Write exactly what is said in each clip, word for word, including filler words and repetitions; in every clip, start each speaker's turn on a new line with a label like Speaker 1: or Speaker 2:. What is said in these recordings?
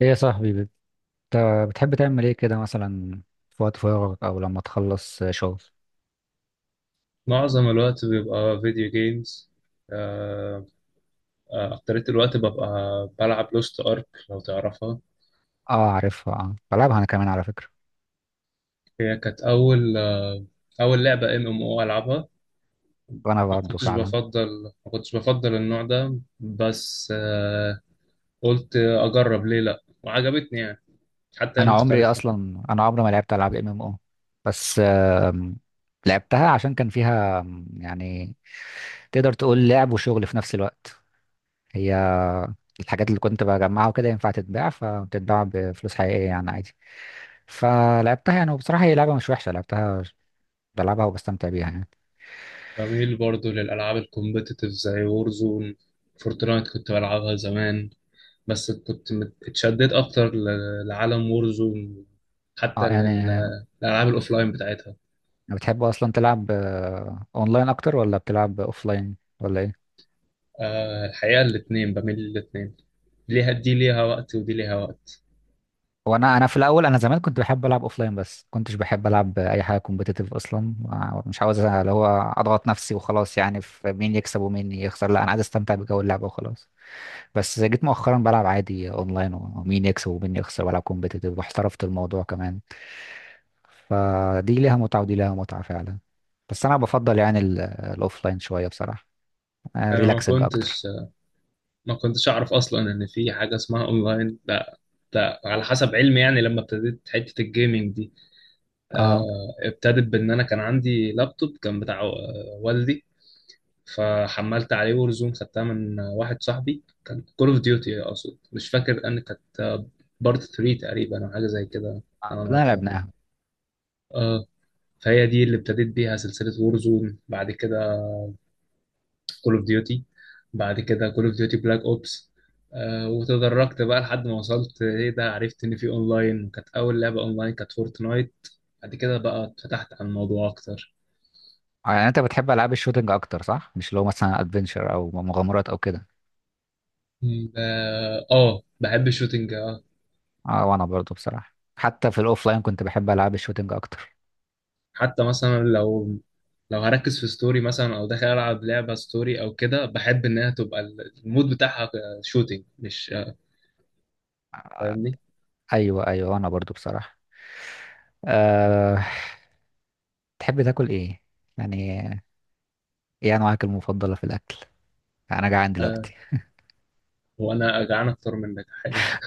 Speaker 1: ايه يا صاحبي، بت- بتحب تعمل ايه كده مثلا في وقت فراغك او لما تخلص شغل؟
Speaker 2: معظم الوقت بيبقى فيديو جيمز. آه، آه، أكترية الوقت ببقى بلعب لوست أرك لو تعرفها.
Speaker 1: اه، عارفها. اه، بلعبها انا كمان على فكرة.
Speaker 2: هي كانت أول آه، أول لعبة ام ام او ألعبها.
Speaker 1: وانا
Speaker 2: ما
Speaker 1: برضه
Speaker 2: كنتش
Speaker 1: فعلا.
Speaker 2: بفضل ما كنتش بفضل النوع ده، بس آه، قلت أجرب ليه لأ وعجبتني يعني، حتى هي
Speaker 1: انا عمري
Speaker 2: مختلفة.
Speaker 1: اصلا انا عمري ما لعبت العاب ام ام او. بس آم، لعبتها عشان كان فيها آم، يعني تقدر تقول لعب وشغل في نفس الوقت. هي الحاجات اللي كنت بجمعها وكده ينفع تتباع، فبتتباع بفلوس حقيقية يعني عادي. فلعبتها يعني، وبصراحة هي لعبة مش وحشة، لعبتها بلعبها وبستمتع بيها يعني.
Speaker 2: بميل برضو للألعاب الكومبيتيتيف زي وورزون. فورتنايت كنت بلعبها زمان، بس كنت مت- اتشددت اكتر ل- لعالم وورزون،
Speaker 1: اه
Speaker 2: حتى لل-
Speaker 1: يعني.
Speaker 2: للالعاب الاوفلاين بتاعتها.
Speaker 1: بتحب اصلا تلعب، آه، اونلاين اكتر ولا بتلعب اوفلاين ولا ايه؟
Speaker 2: آه، الحقيقه الاثنين، بميل للاثنين، ليها دي ليها وقت ودي ليها وقت.
Speaker 1: هو انا انا في الاول، انا زمان كنت بحب العب اوفلاين، بس كنتش بحب العب اي حاجه كومبيتيتيف اصلا. آه، مش عاوز اللي هو اضغط نفسي وخلاص يعني في مين يكسب ومين يخسر، لا انا عايز استمتع بجو اللعبه وخلاص. بس جيت مؤخرا بلعب عادي اونلاين ومين يكسب ومين يخسر، بلعب كومبيتيتيف واحترفت الموضوع كمان. فدي ليها متعه ودي ليها متعه فعلا. بس انا بفضل يعني الاوفلاين شويه بصراحه،
Speaker 2: انا ما
Speaker 1: ريلاكسنج اكتر.
Speaker 2: كنتش ما كنتش اعرف اصلا ان في حاجه اسمها اونلاين، لا، لا، على حسب علمي يعني لما ابتديت حته الجيمنج دي.
Speaker 1: اه.
Speaker 2: آه، ابتدت بان انا كان عندي لابتوب كان بتاع آه، والدي، فحملت عليه ورزون، خدتها من واحد صاحبي. كان كول اوف ديوتي اقصد، مش فاكر ان كانت بارت تلاتة تقريبا او حاجه زي كده.
Speaker 1: آه،
Speaker 2: انا
Speaker 1: كلنا
Speaker 2: ناطقها
Speaker 1: لعبناها.
Speaker 2: اه. فهي دي اللي ابتديت بيها سلسله وورزون، بعد كده كول اوف ديوتي، بعد كده كول اوف ديوتي بلاك اوبس. آه وتدرجت بقى لحد ما وصلت، ايه ده، عرفت ان في اونلاين، كانت اول لعبه اونلاين كانت فورتنايت. بعد كده بقى اتفتحت على الموضوع اكتر.
Speaker 1: آه، يعني انت بتحب العاب الشوتينج اكتر صح؟ مش لو مثلا ادفنشر او مغامرات او كده.
Speaker 2: ب- اه، بحب الشوتينج.
Speaker 1: اه وانا برضو بصراحه، حتى في الاوفلاين كنت بحب العاب الشوتينج اكتر.
Speaker 2: حتى مثلا لو لو هركز في ستوري مثلا او داخل العب لعبه ستوري او كده، بحب انها تبقى ال- المود بتاعها شوتينج، مش
Speaker 1: آه،
Speaker 2: فاهمني.
Speaker 1: ايوه، ايوه، وانا برضو بصراحه. أه... تحب تاكل ايه يعني؟ ايه انواعك المفضله في الاكل؟ انا جعان
Speaker 2: آه
Speaker 1: دلوقتي
Speaker 2: وانا جعان اكتر منك حقيقة.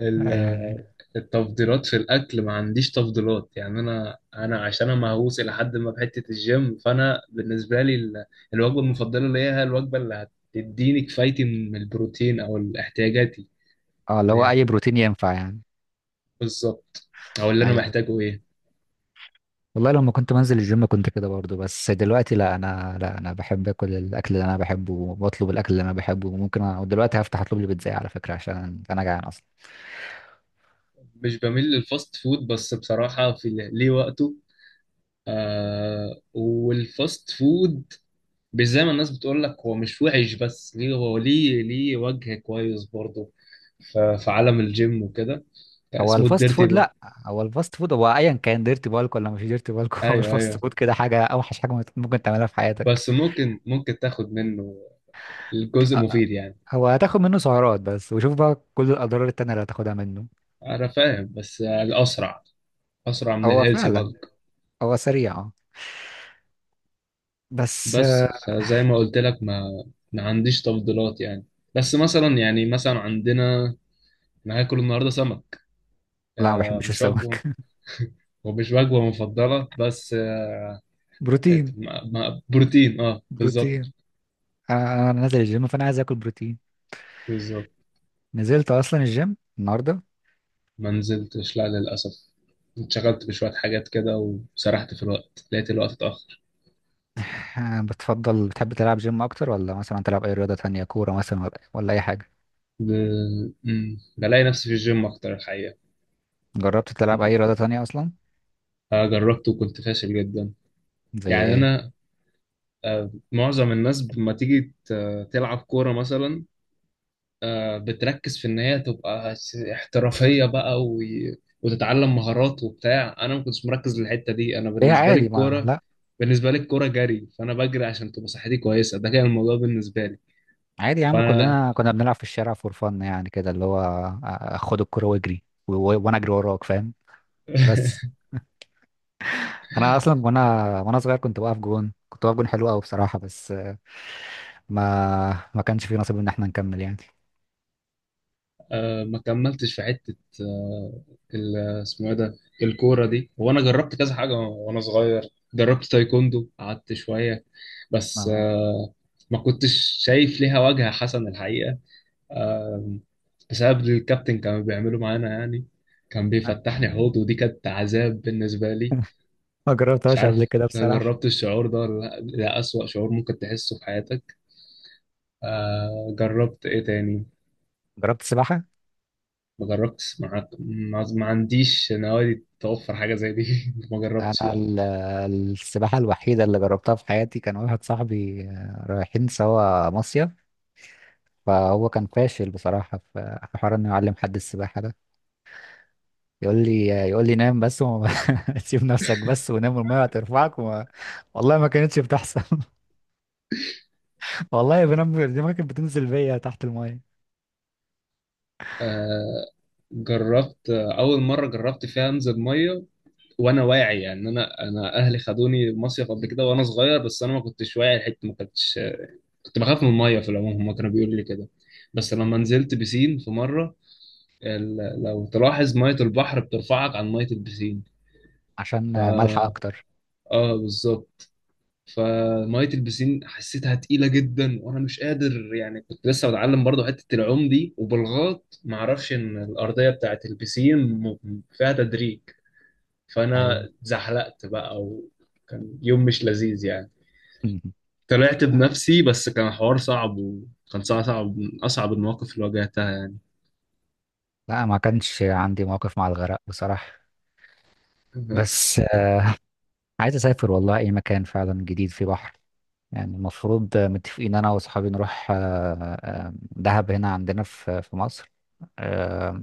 Speaker 2: ال-
Speaker 1: يعني.
Speaker 2: التفضيلات في الاكل ما عنديش تفضيلات يعني، انا انا عشان انا مهووس الى حد ما بحته الجيم، فانا بالنسبه لي ال- الوجبه المفضله ليا هي الوجبه اللي هتديني كفايتي من البروتين او احتياجاتي.
Speaker 1: اه اللي
Speaker 2: اللي هي
Speaker 1: هو اي
Speaker 2: هت-
Speaker 1: بروتين ينفع يعني.
Speaker 2: بالظبط، او اللي انا
Speaker 1: ايوه
Speaker 2: محتاجه ايه.
Speaker 1: والله، لما كنت منزل الجيم كنت كده برضو، بس دلوقتي لا انا لا انا بحب اكل الاكل اللي انا بحبه وبطلب الاكل اللي انا بحبه. وممكن أ... ودلوقتي هفتح اطلب لي بيتزا على فكره عشان انا جعان اصلا.
Speaker 2: مش بميل للفاست فود، بس بصراحة في ل- ليه وقته. آه والفاست فود مش زي ما الناس بتقول لك، هو مش وحش، بس ليه، هو ليه ليه وجه كويس برضه. ف- في عالم الجيم وكده آه،
Speaker 1: هو
Speaker 2: اسمه
Speaker 1: الفاست
Speaker 2: الديرتي
Speaker 1: فود،
Speaker 2: بقى.
Speaker 1: لا. هو الفاست فود هو ايا كان ديرتي بالك ولا مش ديرتي بالك. هو
Speaker 2: ايوه،
Speaker 1: الفاست
Speaker 2: ايوه،
Speaker 1: فود كده حاجه، اوحش حاجه ممكن ممكن تعملها في حياتك.
Speaker 2: بس ممكن ممكن تاخد منه الجزء
Speaker 1: أ- أ-
Speaker 2: مفيد يعني.
Speaker 1: هو هتاخد منه سعرات بس، وشوف بقى كل الاضرار التانية اللي هتاخدها منه.
Speaker 2: انا فاهم بس الاسرع، اسرع من
Speaker 1: هو
Speaker 2: الهيلثي
Speaker 1: فعلا.
Speaker 2: بالك.
Speaker 1: هو سريع. آه. بس
Speaker 2: بس
Speaker 1: آه،
Speaker 2: فزي ما قلت لك ما ما عنديش تفضيلات يعني. بس مثلا يعني مثلا عندنا، انا هاكل النهارده سمك.
Speaker 1: لا ما
Speaker 2: آه
Speaker 1: بحبش
Speaker 2: مش وجبه،
Speaker 1: السمك.
Speaker 2: ومش وجبه مفضله بس آه
Speaker 1: بروتين.
Speaker 2: ما- ما- بروتين. اه،
Speaker 1: بروتين.
Speaker 2: بالظبط.
Speaker 1: آه، انا نازل الجيم فانا عايز اكل بروتين.
Speaker 2: بالظبط.
Speaker 1: نزلت اصلا الجيم النهارده.
Speaker 2: ما نزلتش، لا، للاسف، اتشغلت بشويه حاجات كده، وسرحت في الوقت لقيت الوقت اتاخر.
Speaker 1: آه، بتفضل بتحب تلعب جيم اكتر ولا مثلا تلعب اي رياضه تانية، كوره مثلا، ولا ولا اي حاجه؟
Speaker 2: ب... مم. بلاقي نفسي في الجيم اكتر الحقيقه.
Speaker 1: جربت تلعب
Speaker 2: مم.
Speaker 1: اي رياضه تانية اصلا؟
Speaker 2: آه جربته وكنت فاشل جدا.
Speaker 1: زي
Speaker 2: يعني
Speaker 1: ايه؟
Speaker 2: انا آه معظم الناس لما تيجي ت- تلعب كوره مثلا، آه، بتركز في ان هي تبقى س- احترافيه بقى و... وتتعلم مهارات وبتاع. انا ما كنتش مركز للحته دي، انا
Speaker 1: هي
Speaker 2: بالنسبه لي
Speaker 1: عادي ما
Speaker 2: الكوره،
Speaker 1: لا.
Speaker 2: بالنسبه لي الكوره جري، فانا بجري عشان تبقى صحتي كويسه، ده كان الموضوع بالنسبه لي.
Speaker 1: عادي يا عم،
Speaker 2: فانا
Speaker 1: كلنا كنا بنلعب في الشارع فور فن يعني، كده اللي هو آه، خد الكرة واجري، و- و- وانا اجري وراك فاهم. بس انا اصلا، وانا وانا صغير كنت بقف جون كنت بقف جون حلو قوي بصراحة، بس آه، ما ما كانش في نصيب ان احنا نكمل يعني.
Speaker 2: ما كملتش في حته، آه، ال- اسمه ايه ده الكوره دي. وانا جربت كذا حاجه وانا صغير، جربت تايكوندو قعدت شويه، بس
Speaker 1: ما
Speaker 2: آه، ما كنتش شايف ليها وجهه حسن الحقيقه. آم، بسبب الكابتن كانوا بيعملوا معانا يعني، كان بيفتحني حوض، ودي كانت عذاب بالنسبة لي.
Speaker 1: ما
Speaker 2: مش
Speaker 1: جربتهاش قبل
Speaker 2: عارف
Speaker 1: كده بصراحة.
Speaker 2: جربت الشعور ده ولا لأ؟ ده أسوأ شعور ممكن تحسه في حياتك. آه جربت إيه تاني؟
Speaker 1: جربت سباحة.
Speaker 2: ما جربتش، ما ما ما عنديش نوادي توفر حاجة زي دي. ما جربتش
Speaker 1: انا
Speaker 2: لأ.
Speaker 1: ال- السباحة الوحيدة اللي جربتها في حياتي، كان واحد صاحبي آه، رايحين سوا مصيف، فهو كان فاشل بصراحة في في حوار انه يعلم حد السباحة ده. يقول لي يقول لي نام بس، وما سيب نفسك بس ونام والميه هترفعك وما... والله ما كانتش بتحصل. والله بنام دماغي كانت بتنزل بيا تحت الميه.
Speaker 2: آه جربت آه، أول مرة جربت فيها أنزل مية وأنا واعي يعني، أنا أنا أهلي خدوني مصيف قبل كده وأنا صغير، بس أنا ما كنتش واعي الحتة. ما كنتش، كنت بخاف من الميه في العموم، هما كانوا بيقولوا لي كده. بس لما
Speaker 1: مم.
Speaker 2: نزلت بسين في مره، ال- لو تلاحظ ميه البحر بترفعك عن ميه البسين.
Speaker 1: عشان ملحق اكتر.
Speaker 2: اه بالظبط. فميه البسين حسيتها تقيله جدا وانا مش قادر يعني، كنت لسه بتعلم برضو حته العوم دي، وبالغلط ما اعرفش ان الارضيه بتاعت البسين م- م- فيها تدريج، فانا
Speaker 1: ايوه.
Speaker 2: زحلقت بقى وكان يوم مش لذيذ يعني.
Speaker 1: مم.
Speaker 2: طلعت بنفسي، بس كان حوار صعب، وكان صعب، صعب، من اصعب المواقف اللي واجهتها
Speaker 1: لا ما كانش عندي مواقف مع الغرق بصراحه.
Speaker 2: يعني.
Speaker 1: بس آه، عايز اسافر والله اي مكان فعلا جديد فيه بحر يعني. المفروض آه، متفقين انا واصحابي نروح آه، آه، دهب هنا عندنا في في مصر. آه،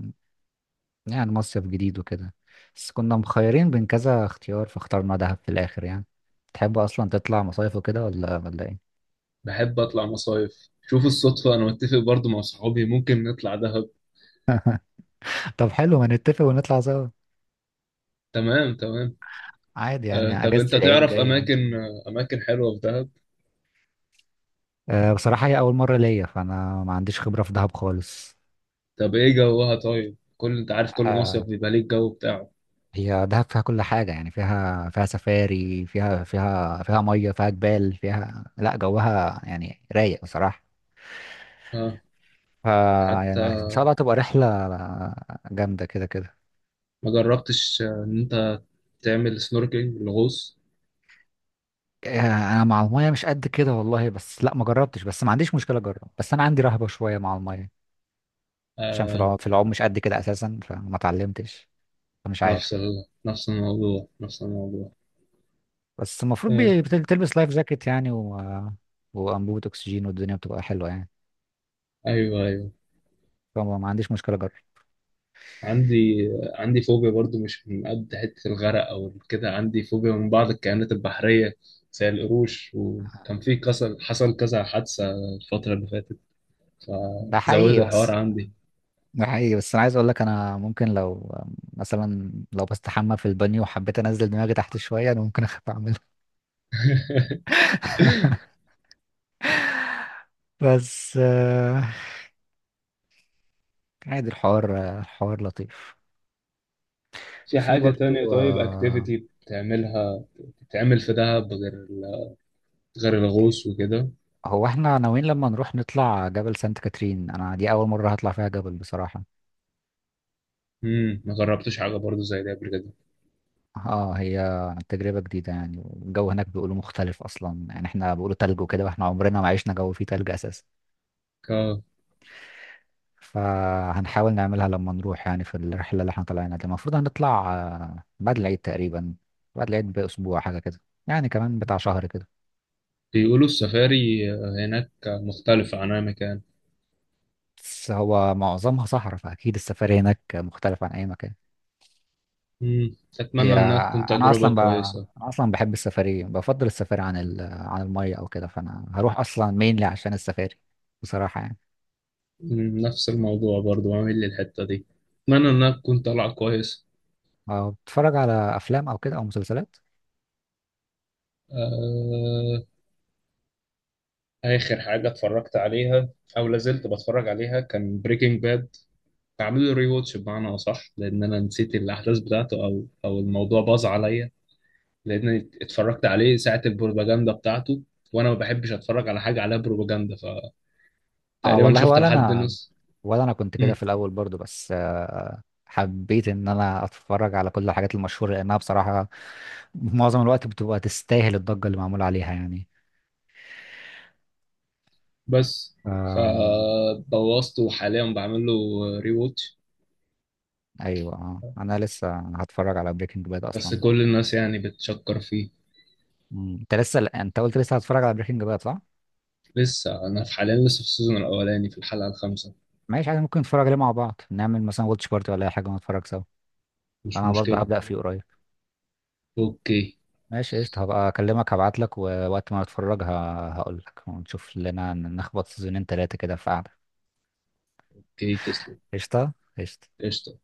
Speaker 1: يعني مصيف جديد وكده، بس كنا مخيرين بين كذا اختيار فاخترنا دهب في الاخر يعني. تحب اصلا تطلع مصايف وكده ولا ولا ايه؟
Speaker 2: بحب اطلع مصايف، شوف الصدفة، انا متفق برضو مع صحابي ممكن نطلع دهب.
Speaker 1: طب حلو، ما نتفق ونطلع سوا.
Speaker 2: تمام، تمام.
Speaker 1: عادي
Speaker 2: آه
Speaker 1: يعني،
Speaker 2: طب
Speaker 1: اجازة
Speaker 2: انت
Speaker 1: العيد
Speaker 2: تعرف
Speaker 1: جاية
Speaker 2: اماكن
Speaker 1: ممكن.
Speaker 2: آه، اماكن حلوة في دهب؟
Speaker 1: أه بصراحة هي اول مرة ليا، فانا ما عنديش خبرة في دهب خالص.
Speaker 2: طب ايه جوها؟ طيب، كل انت عارف كل مصيف
Speaker 1: أه،
Speaker 2: بيبقى ليه الجو بتاعه.
Speaker 1: هي دهب فيها كل حاجة يعني، فيها فيها سفاري، فيها فيها فيها مية، فيها جبال، فيها لا جوها يعني رايق بصراحة.
Speaker 2: آه
Speaker 1: ف
Speaker 2: حتى
Speaker 1: يعني ان شاء الله تبقى رحلة جامدة كده كده.
Speaker 2: ما جربتش آه، ان انت تعمل سنوركينج الغوص.
Speaker 1: آه، انا مع الميه مش قد كده والله، بس لا ما جربتش، بس ما عنديش مشكله اجرب، بس انا عندي رهبه شويه مع الميه. عشان في
Speaker 2: آه
Speaker 1: العوم في العوم مش قد كده اساسا، فما اتعلمتش. فمش عارف.
Speaker 2: نفس ال... نفس الموضوع، نفس الموضوع.
Speaker 1: بس المفروض
Speaker 2: آه.
Speaker 1: بي- بت- بتلبس لايف جاكيت يعني و... وانبوبه اكسجين والدنيا بتبقى حلوه يعني.
Speaker 2: ايوه، أيوه.
Speaker 1: فما ما عنديش مشكله اجرب.
Speaker 2: عندي، عندي فوبيا برضو، مش من قد حتة الغرق أو كده، عندي فوبيا من بعض الكائنات البحرية زي القروش، وكان في كسر حصل كذا حادثة الفترة اللي فاتت،
Speaker 1: ده
Speaker 2: فزودت
Speaker 1: حقيقي.
Speaker 2: الحوار
Speaker 1: بس
Speaker 2: عندي.
Speaker 1: ده حقيقي بس انا عايز اقول لك انا ممكن لو مثلا لو بستحمى في البانيو وحبيت انزل دماغي تحت شويه، انا ممكن اخاف اعملها. بس آه، عادي، الحوار الحوار لطيف.
Speaker 2: في
Speaker 1: في
Speaker 2: حاجة تانية
Speaker 1: برضو
Speaker 2: طيب
Speaker 1: آه،
Speaker 2: اكتيفيتي بتعملها؟ بتتعمل في دهب غير ال- غير الغوص وكده؟
Speaker 1: هو احنا ناويين لما نروح نطلع جبل سانت كاترين. انا دي اول مرة هطلع فيها جبل بصراحة.
Speaker 2: امم ما جربتش حاجة برضو زي دي قبل كده.
Speaker 1: اه، هي تجربة جديدة يعني، الجو هناك بيقولوا مختلف اصلا يعني، احنا بيقولوا تلج وكده، واحنا عمرنا ما عشنا جو فيه تلج اساسا.
Speaker 2: ك-
Speaker 1: فهنحاول نعملها لما نروح يعني في الرحلة اللي احنا طالعينها دي، المفروض هنطلع آه، بعد العيد تقريبا، بعد العيد بأسبوع حاجة كده، يعني كمان بتاع شهر كده.
Speaker 2: بيقولوا السفاري هناك مختلفة عن أي مكان.
Speaker 1: بس هو معظمها صحراء فأكيد السفاري هناك مختلف عن أي مكان.
Speaker 2: امم
Speaker 1: هي
Speaker 2: أتمنى إنها تكون
Speaker 1: انا اصلا
Speaker 2: تجربة
Speaker 1: ب...
Speaker 2: كويسة.
Speaker 1: انا اصلا بحب السفاري، بفضل السفاري عن ال... عن الميه او كده، فانا هروح اصلا مينلي عشان السفاري بصراحه يعني.
Speaker 2: مم، نفس الموضوع برضو عامل لي الحتة دي، اتمنى انها تكون طالعة كويس.
Speaker 1: أه، بتتفرج على افلام او كده او مسلسلات؟
Speaker 2: آه... اخر حاجة اتفرجت عليها او لازلت بتفرج عليها كان بريكنج باد، عامل له ري واتش بمعنى اصح، لان انا نسيت الاحداث بتاعته، او او الموضوع باظ عليا، لان اتفرجت عليه ساعة البروباجندا بتاعته، وانا ما بحبش اتفرج على حاجة عليها بروباجندا،
Speaker 1: اه
Speaker 2: فتقريبا
Speaker 1: والله،
Speaker 2: شفت
Speaker 1: ولا
Speaker 2: لحد
Speaker 1: انا
Speaker 2: نص.
Speaker 1: ولا انا كنت كده
Speaker 2: مم،
Speaker 1: في الاول برضو، بس آه، حبيت ان انا اتفرج على كل الحاجات المشهوره، لانها بصراحه معظم الوقت بتبقى تستاهل الضجه اللي معمول عليها يعني.
Speaker 2: بس
Speaker 1: آم،
Speaker 2: فبوظته، وحاليا بعمل له ري واتش،
Speaker 1: ايوه، اه، انا لسه هتفرج على بريكنج باد
Speaker 2: بس
Speaker 1: اصلا.
Speaker 2: كل الناس يعني بتشكر فيه.
Speaker 1: مم، انت لسه انت قلت لسه هتتفرج على بريكنج باد صح؟
Speaker 2: لسه، انا في حاليا لسه في السيزون الاولاني في الحلقه الخامسه.
Speaker 1: ماشي عادي، ممكن نتفرج عليه مع بعض، نعمل مثلا واتش بارتي ولا اي حاجه ونتفرج سوا.
Speaker 2: مش
Speaker 1: انا برضه
Speaker 2: مشكله.
Speaker 1: هبدأ فيه قريب.
Speaker 2: اوكي.
Speaker 1: ماشي قشطة، هبقى اكلمك هبعت لك ووقت ما نتفرج هقول لك ونشوف لنا نخبط سيزونين تلاتة كده في قعدة.
Speaker 2: اوكي، تسلم.
Speaker 1: قشطة. قشطة.
Speaker 2: قشطه.